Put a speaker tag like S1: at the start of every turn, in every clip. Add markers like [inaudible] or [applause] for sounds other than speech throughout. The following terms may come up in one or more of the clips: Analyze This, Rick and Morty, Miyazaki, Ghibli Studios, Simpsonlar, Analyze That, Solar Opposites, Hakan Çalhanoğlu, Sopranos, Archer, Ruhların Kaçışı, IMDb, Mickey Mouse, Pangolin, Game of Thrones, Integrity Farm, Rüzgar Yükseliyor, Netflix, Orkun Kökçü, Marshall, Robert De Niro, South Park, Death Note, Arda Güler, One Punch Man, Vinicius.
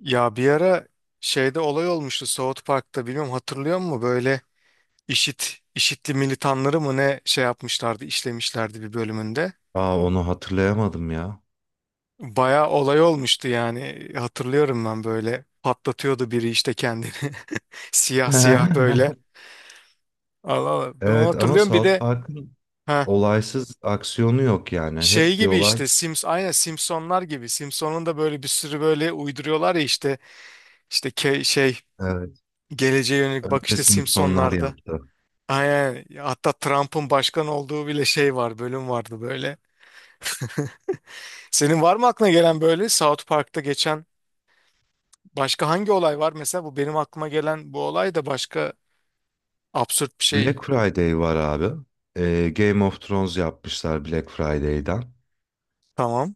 S1: Ya bir ara şeyde olay olmuştu South Park'ta, bilmiyorum hatırlıyor musun? Böyle IŞİD'li militanları mı ne şey yapmışlardı, işlemişlerdi bir bölümünde.
S2: Aa onu hatırlayamadım ya.
S1: Bayağı olay olmuştu yani, hatırlıyorum ben, böyle patlatıyordu biri işte kendini, [laughs] siyah siyah böyle.
S2: [laughs]
S1: Allah Allah ben onu
S2: Evet ama
S1: hatırlıyorum, bir
S2: South
S1: de
S2: Park'ın
S1: ha
S2: olaysız aksiyonu yok yani.
S1: şey
S2: Hep bir
S1: gibi
S2: olay.
S1: işte Sims, aynen Simpsonlar gibi, Simpson'un da böyle bir sürü böyle uyduruyorlar ya işte, işte ke- şey
S2: Evet.
S1: geleceğe yönelik bak
S2: Önce
S1: işte
S2: Simpsonlar
S1: Simpsonlarda.
S2: yaptı.
S1: Aynen. Hatta Trump'ın başkan olduğu bile şey var, bölüm vardı böyle. [laughs] Senin var mı aklına gelen böyle South Park'ta geçen başka hangi olay var? Mesela bu benim aklıma gelen bu olay da başka absürt bir şey.
S2: Black Friday var abi. Game of Thrones yapmışlar Black Friday'den.
S1: Tamam.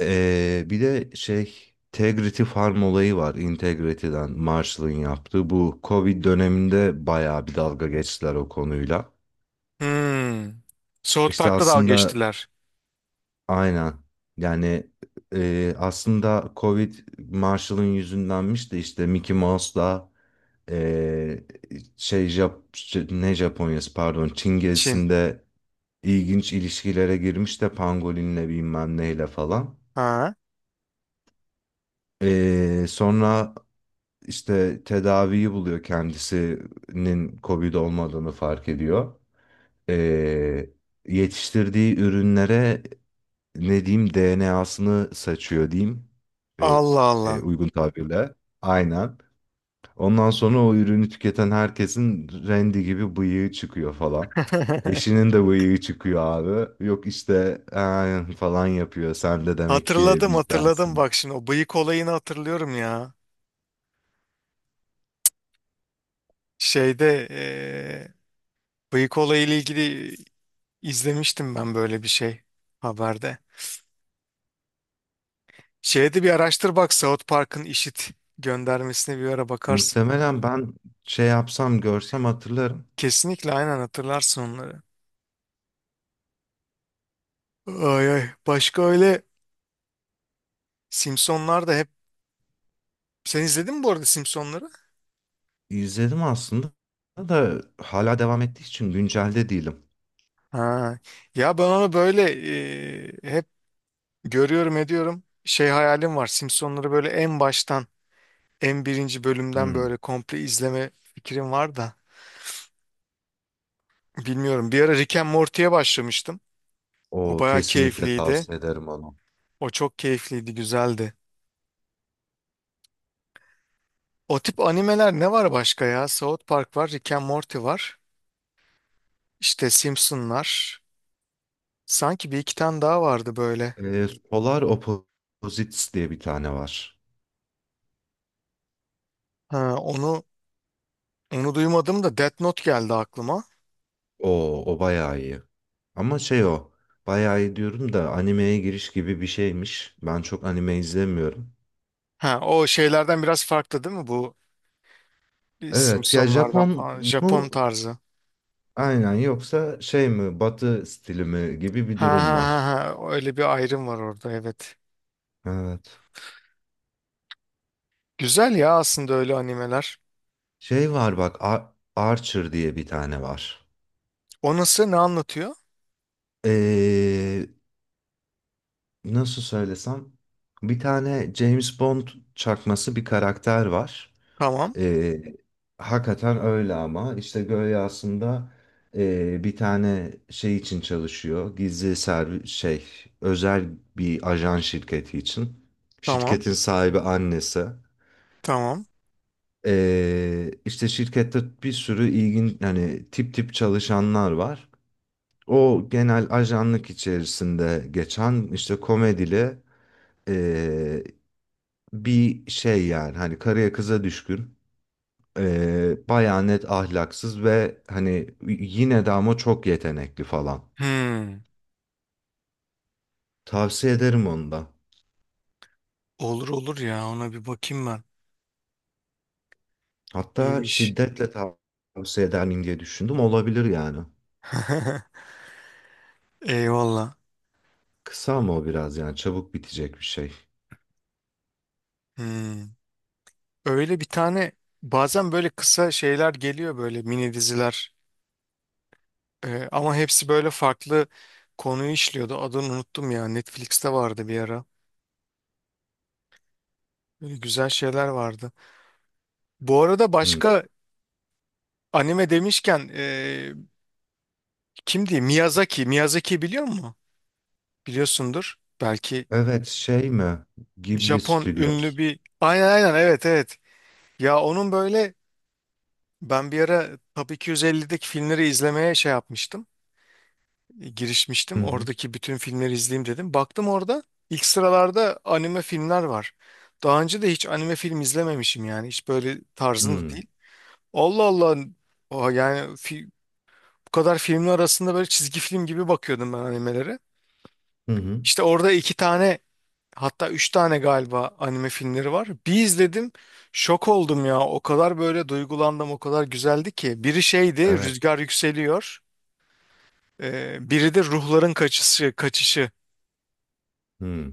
S2: Bir de şey Integrity Farm olayı var. Integrity'den Marshall'ın yaptığı. Bu Covid döneminde bayağı bir dalga geçtiler o konuyla.
S1: Hmm. South
S2: İşte
S1: Park'ta dalga
S2: aslında
S1: geçtiler.
S2: aynen. Yani aslında Covid Marshall'ın yüzündenmiş de işte Mickey Mouse'la e, şey ne Japonya'sı pardon Çin
S1: Çin.
S2: gezisinde ilginç ilişkilere girmiş de Pangolin'le bilmem neyle falan.
S1: Ha.
S2: Sonra işte tedaviyi buluyor, kendisinin Covid olmadığını fark ediyor. E, Yetiştirdiği ürünlere ne diyeyim, DNA'sını saçıyor diyeyim e,
S1: Allah Allah.
S2: uygun tabirle. Aynen. Ondan sonra o ürünü tüketen herkesin rendi gibi bıyığı çıkıyor falan.
S1: [laughs]
S2: Eşinin de bıyığı çıkıyor abi. Yok işte falan yapıyor. Sen de demek ki
S1: Hatırladım hatırladım,
S2: bizdensin.
S1: bak şimdi o bıyık olayını hatırlıyorum ya. Şeyde bıyık olayıyla ilgili izlemiştim ben böyle bir şey haberde. Şeyde bir araştır, bak South Park'ın göndermesine bir ara bakarsın.
S2: Muhtemelen ben şey yapsam görsem hatırlarım.
S1: Kesinlikle, aynen hatırlarsın onları. Ay ay, başka öyle Simpsonlar da hep, sen izledin mi bu arada Simpsonları?
S2: İzledim aslında da hala devam ettiği için güncelde değilim.
S1: Ha. Ya ben onu böyle, hep görüyorum ediyorum. Şey, hayalim var Simpsonları böyle en baştan, en birinci bölümden
S2: Hmm.
S1: böyle komple izleme fikrim var da. Bilmiyorum, bir ara Rick and Morty'ye başlamıştım. O
S2: O
S1: bayağı
S2: kesinlikle
S1: keyifliydi.
S2: tavsiye ederim, onu.
S1: O çok keyifliydi, güzeldi. O tip animeler ne var başka ya? South Park var, Rick and Morty var. İşte Simpsonlar. Sanki bir iki tane daha vardı böyle.
S2: Solar Opposites diye bir tane var.
S1: Ha, onu duymadım da Death Note geldi aklıma.
S2: O bayağı iyi. Ama şey o. Bayağı iyi diyorum da animeye giriş gibi bir şeymiş. Ben çok anime izlemiyorum.
S1: Ha, o şeylerden biraz farklı değil mi bu,
S2: Evet ya,
S1: Simpsonlardan
S2: Japon
S1: falan, Japon
S2: mu?
S1: tarzı.
S2: Aynen, yoksa şey mi? Batı stili mi gibi bir
S1: Ha,
S2: durum
S1: ha, ha,
S2: var.
S1: ha. Öyle bir ayrım var orada, evet.
S2: Evet.
S1: Güzel ya aslında öyle animeler.
S2: Şey var bak, Archer diye bir tane var.
S1: O nasıl, ne anlatıyor?
S2: Ee, Nasıl söylesem? Bir tane James Bond çakması bir karakter var.
S1: Tamam
S2: E, Hakikaten öyle ama işte Gölge aslında bir tane şey için çalışıyor. Gizli servis şey, özel bir ajan şirketi için.
S1: tamam
S2: Şirketin sahibi annesi.
S1: tamam.
S2: İşte şirkette bir sürü hani tip tip çalışanlar var. O genel ajanlık içerisinde geçen işte komedili e, bir şey yani, hani karıya kıza düşkün. Bayağı net ahlaksız ve hani yine de ama çok yetenekli falan.
S1: Hmm.
S2: Tavsiye ederim onu da.
S1: Olur olur ya, ona bir bakayım ben.
S2: Hatta
S1: İyiymiş.
S2: şiddetle tavsiye eder miyim diye düşündüm. Olabilir yani.
S1: [laughs] Eyvallah.
S2: Kısa mı o biraz, yani çabuk bitecek bir şey.
S1: Hmm. Öyle bir tane, bazen böyle kısa şeyler geliyor, böyle mini diziler. Ama hepsi böyle farklı konuyu işliyordu. Adını unuttum ya, Netflix'te vardı bir ara. Böyle güzel şeyler vardı. Bu arada
S2: Hı.
S1: başka anime demişken kim diyeyim, Miyazaki. Miyazaki biliyor musun? Biliyorsundur. Belki
S2: Evet, şey mi? Ghibli
S1: Japon ünlü
S2: Studios.
S1: bir, aynen aynen, evet evet. Ya onun böyle, ben bir ara Top 250'deki filmleri izlemeye şey yapmıştım,
S2: Hı
S1: girişmiştim.
S2: hı.
S1: Oradaki bütün filmleri izleyeyim dedim. Baktım orada ilk sıralarda anime filmler var. Daha önce de hiç anime film izlememişim yani. Hiç böyle tarzım da
S2: Hı
S1: değil. Allah Allah. Oha yani bu kadar filmin arasında böyle çizgi film gibi bakıyordum ben animelere.
S2: hı. Hı.
S1: İşte orada iki tane, hatta üç tane galiba anime filmleri var. Bir izledim, şok oldum ya. O kadar böyle duygulandım, o kadar güzeldi ki. Biri şeydi,
S2: Evet.
S1: Rüzgar Yükseliyor. Biri de Ruhların Kaçışı, Kaçışı.
S2: Hı.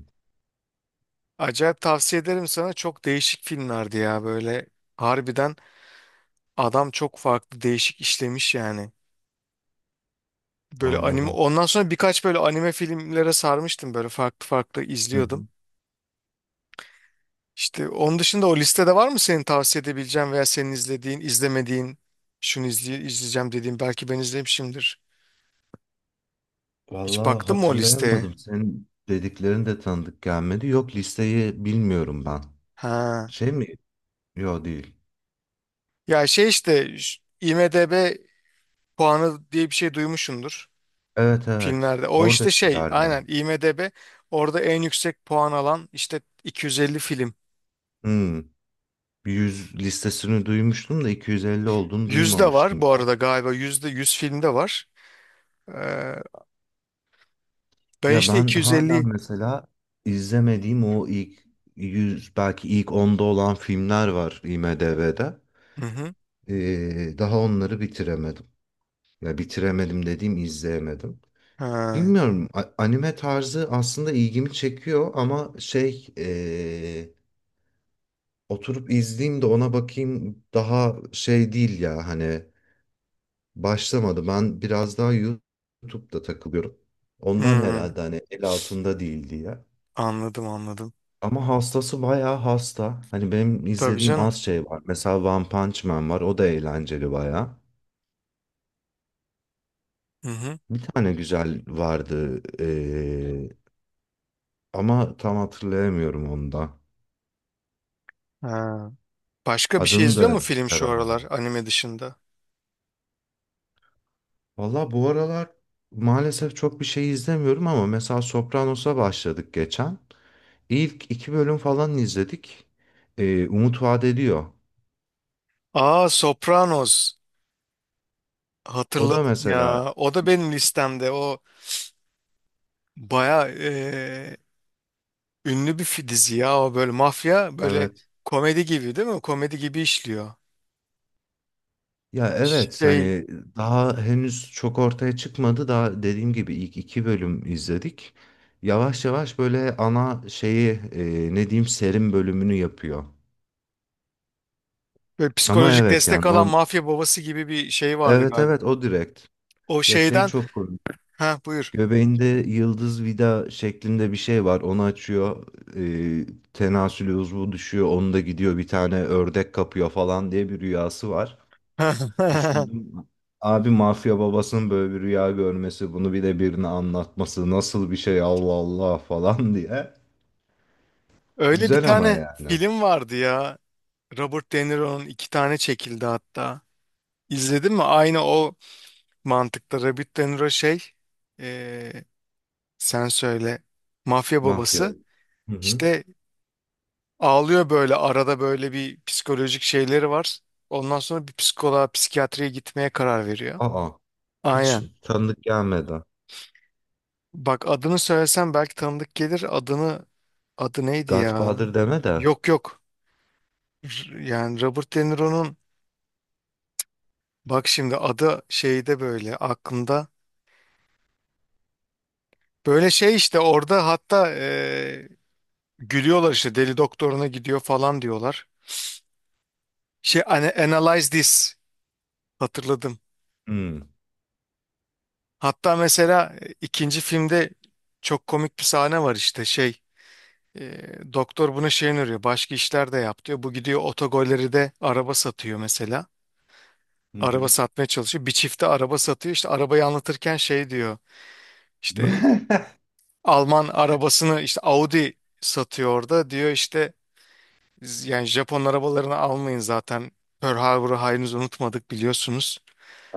S1: Acayip tavsiye ederim sana. Çok değişik filmlerdi ya böyle. Harbiden adam çok farklı, değişik işlemiş yani. Böyle anime,
S2: Anladım.
S1: ondan sonra birkaç böyle anime filmlere sarmıştım, böyle farklı farklı
S2: Hı
S1: izliyordum.
S2: hı.
S1: İşte onun dışında o listede var mı senin tavsiye edebileceğin veya senin izlediğin, izlemediğin, şunu izleyeceğim dediğin, belki ben izlemişimdir. Hiç
S2: Vallahi
S1: baktın mı o listeye?
S2: hatırlayamadım. Senin dediklerin de tanıdık gelmedi. Yok, listeyi bilmiyorum ben.
S1: Ha.
S2: Şey mi? Yok değil.
S1: Ya şey işte, IMDb puanı diye bir şey duymuşsundur.
S2: Evet, evet.
S1: Filmlerde. O işte şey,
S2: Oradakilerden.
S1: aynen IMDb, orada en yüksek puan alan işte 250 film.
S2: Hmm. 100 listesini duymuştum da 250 olduğunu
S1: Yüzde var
S2: duymamıştım
S1: bu
S2: ya.
S1: arada galiba, yüzde 100 filmde var. Ee, Ben
S2: Ya
S1: işte
S2: ben hala
S1: 250.
S2: mesela izlemediğim o ilk 100, belki ilk onda olan filmler var IMDb'de.
S1: Hı hı.
S2: Daha onları bitiremedim. Ya bitiremedim dediğim, izleyemedim.
S1: Ha.
S2: Bilmiyorum, anime tarzı aslında ilgimi çekiyor ama şey, oturup izleyeyim de ona bakayım daha şey değil ya, hani başlamadı. Ben biraz daha YouTube'da takılıyorum. Ondan
S1: Hmm.
S2: herhalde, hani el altında değil diye.
S1: Anladım anladım.
S2: Ama hastası bayağı hasta. Hani benim
S1: Tabii
S2: izlediğim
S1: canım.
S2: az şey var. Mesela One Punch Man var. O da eğlenceli bayağı.
S1: Hı hı.
S2: Bir tane güzel vardı. Ama tam hatırlayamıyorum onu da.
S1: Ha. Başka bir şey
S2: Adını
S1: izliyor mu
S2: da
S1: film şu aralar
S2: çıkaramadım.
S1: anime dışında?
S2: Valla bu aralar maalesef çok bir şey izlemiyorum ama mesela Sopranos'a başladık geçen. İlk iki bölüm falan izledik. Umut vaat ediyor.
S1: Aa Sopranos.
S2: O da
S1: Hatırladım
S2: mesela
S1: ya. O da benim listemde. O baya ünlü bir dizi ya, o böyle mafya, böyle
S2: evet.
S1: komedi gibi değil mi? Komedi gibi işliyor.
S2: Ya evet,
S1: Şey,
S2: hani daha henüz çok ortaya çıkmadı. Daha dediğim gibi ilk iki bölüm izledik. Yavaş yavaş böyle ana şeyi ne diyeyim, serim bölümünü yapıyor.
S1: böyle
S2: Ama
S1: psikolojik
S2: evet
S1: destek
S2: yani
S1: alan mafya babası gibi bir şey vardı
S2: evet,
S1: galiba.
S2: evet, o direkt.
S1: O
S2: Ya şey
S1: şeyden,
S2: çok komik.
S1: ha buyur.
S2: Göbeğinde yıldız vida şeklinde bir şey var. Onu açıyor. E, Tenasül uzvu düşüyor. Onu da gidiyor bir tane ördek kapıyor falan diye bir rüyası var.
S1: [laughs]
S2: Düşündüm. Abi mafya babasının böyle bir rüya görmesi, bunu bir de birine anlatması nasıl bir şey, Allah Allah falan [laughs] diye.
S1: Öyle bir
S2: Güzel ama
S1: tane
S2: yani.
S1: film vardı ya. Robert De Niro'nun, iki tane çekildi hatta. İzledin mi? Aynı o mantıkta, Robert De Niro şey, eee, sen söyle, mafya
S2: Mafya.
S1: babası.
S2: Hı hı.
S1: İşte ağlıyor böyle arada, böyle bir psikolojik şeyleri var. Ondan sonra bir psikoloğa, psikiyatriye gitmeye karar veriyor.
S2: Aa, hiç
S1: Aynen.
S2: tanıdık gelmedi.
S1: Bak adını söylesem belki tanıdık gelir. Adı neydi ya?
S2: Godfather deme de.
S1: Yok yok. Yani Robert De Niro'nun, bak şimdi adı şeyde böyle aklımda. Böyle şey işte orada hatta gülüyorlar işte, deli doktoruna gidiyor falan diyorlar. Şey hani Analyze This, hatırladım.
S2: Hı.
S1: Hatta mesela ikinci filmde çok komik bir sahne var, işte şey, doktor buna şey öneriyor, başka işler de yap diyor. Bu gidiyor, otogolleri de araba satıyor mesela.
S2: Hı
S1: Araba
S2: hı.
S1: satmaya çalışıyor. Bir çifte araba satıyor. İşte arabayı anlatırken şey diyor. İşte
S2: [laughs]
S1: Alman arabasını, işte Audi satıyor orada, diyor işte, Yani Japon arabalarını almayın zaten. Pearl Harbor'u henüz unutmadık, biliyorsunuz."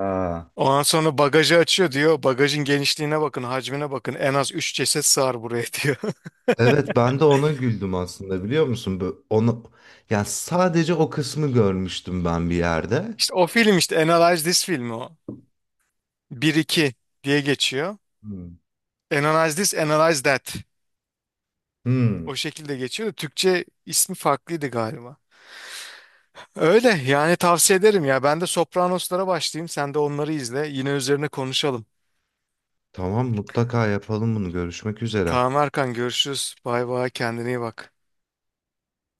S2: Aa,
S1: Ondan sonra bagajı açıyor, diyor. Bagajın genişliğine bakın, hacmine bakın. En az 3 ceset sığar buraya, [laughs] diyor.
S2: evet ben de ona güldüm aslında, biliyor musun? Böyle onu, yani sadece o kısmı görmüştüm ben bir yerde.
S1: İşte o film, işte Analyze This filmi o. Bir iki diye geçiyor.
S2: Hı.
S1: Analyze This, Analyze That.
S2: Hı.
S1: O şekilde geçiyor. Da Türkçe ismi farklıydı galiba. Öyle yani, tavsiye ederim ya. Ben de Sopranos'lara başlayayım. Sen de onları izle. Yine üzerine konuşalım.
S2: Tamam, mutlaka yapalım bunu. Görüşmek üzere.
S1: Tamam Erkan, görüşürüz. Bay bay, kendine iyi bak.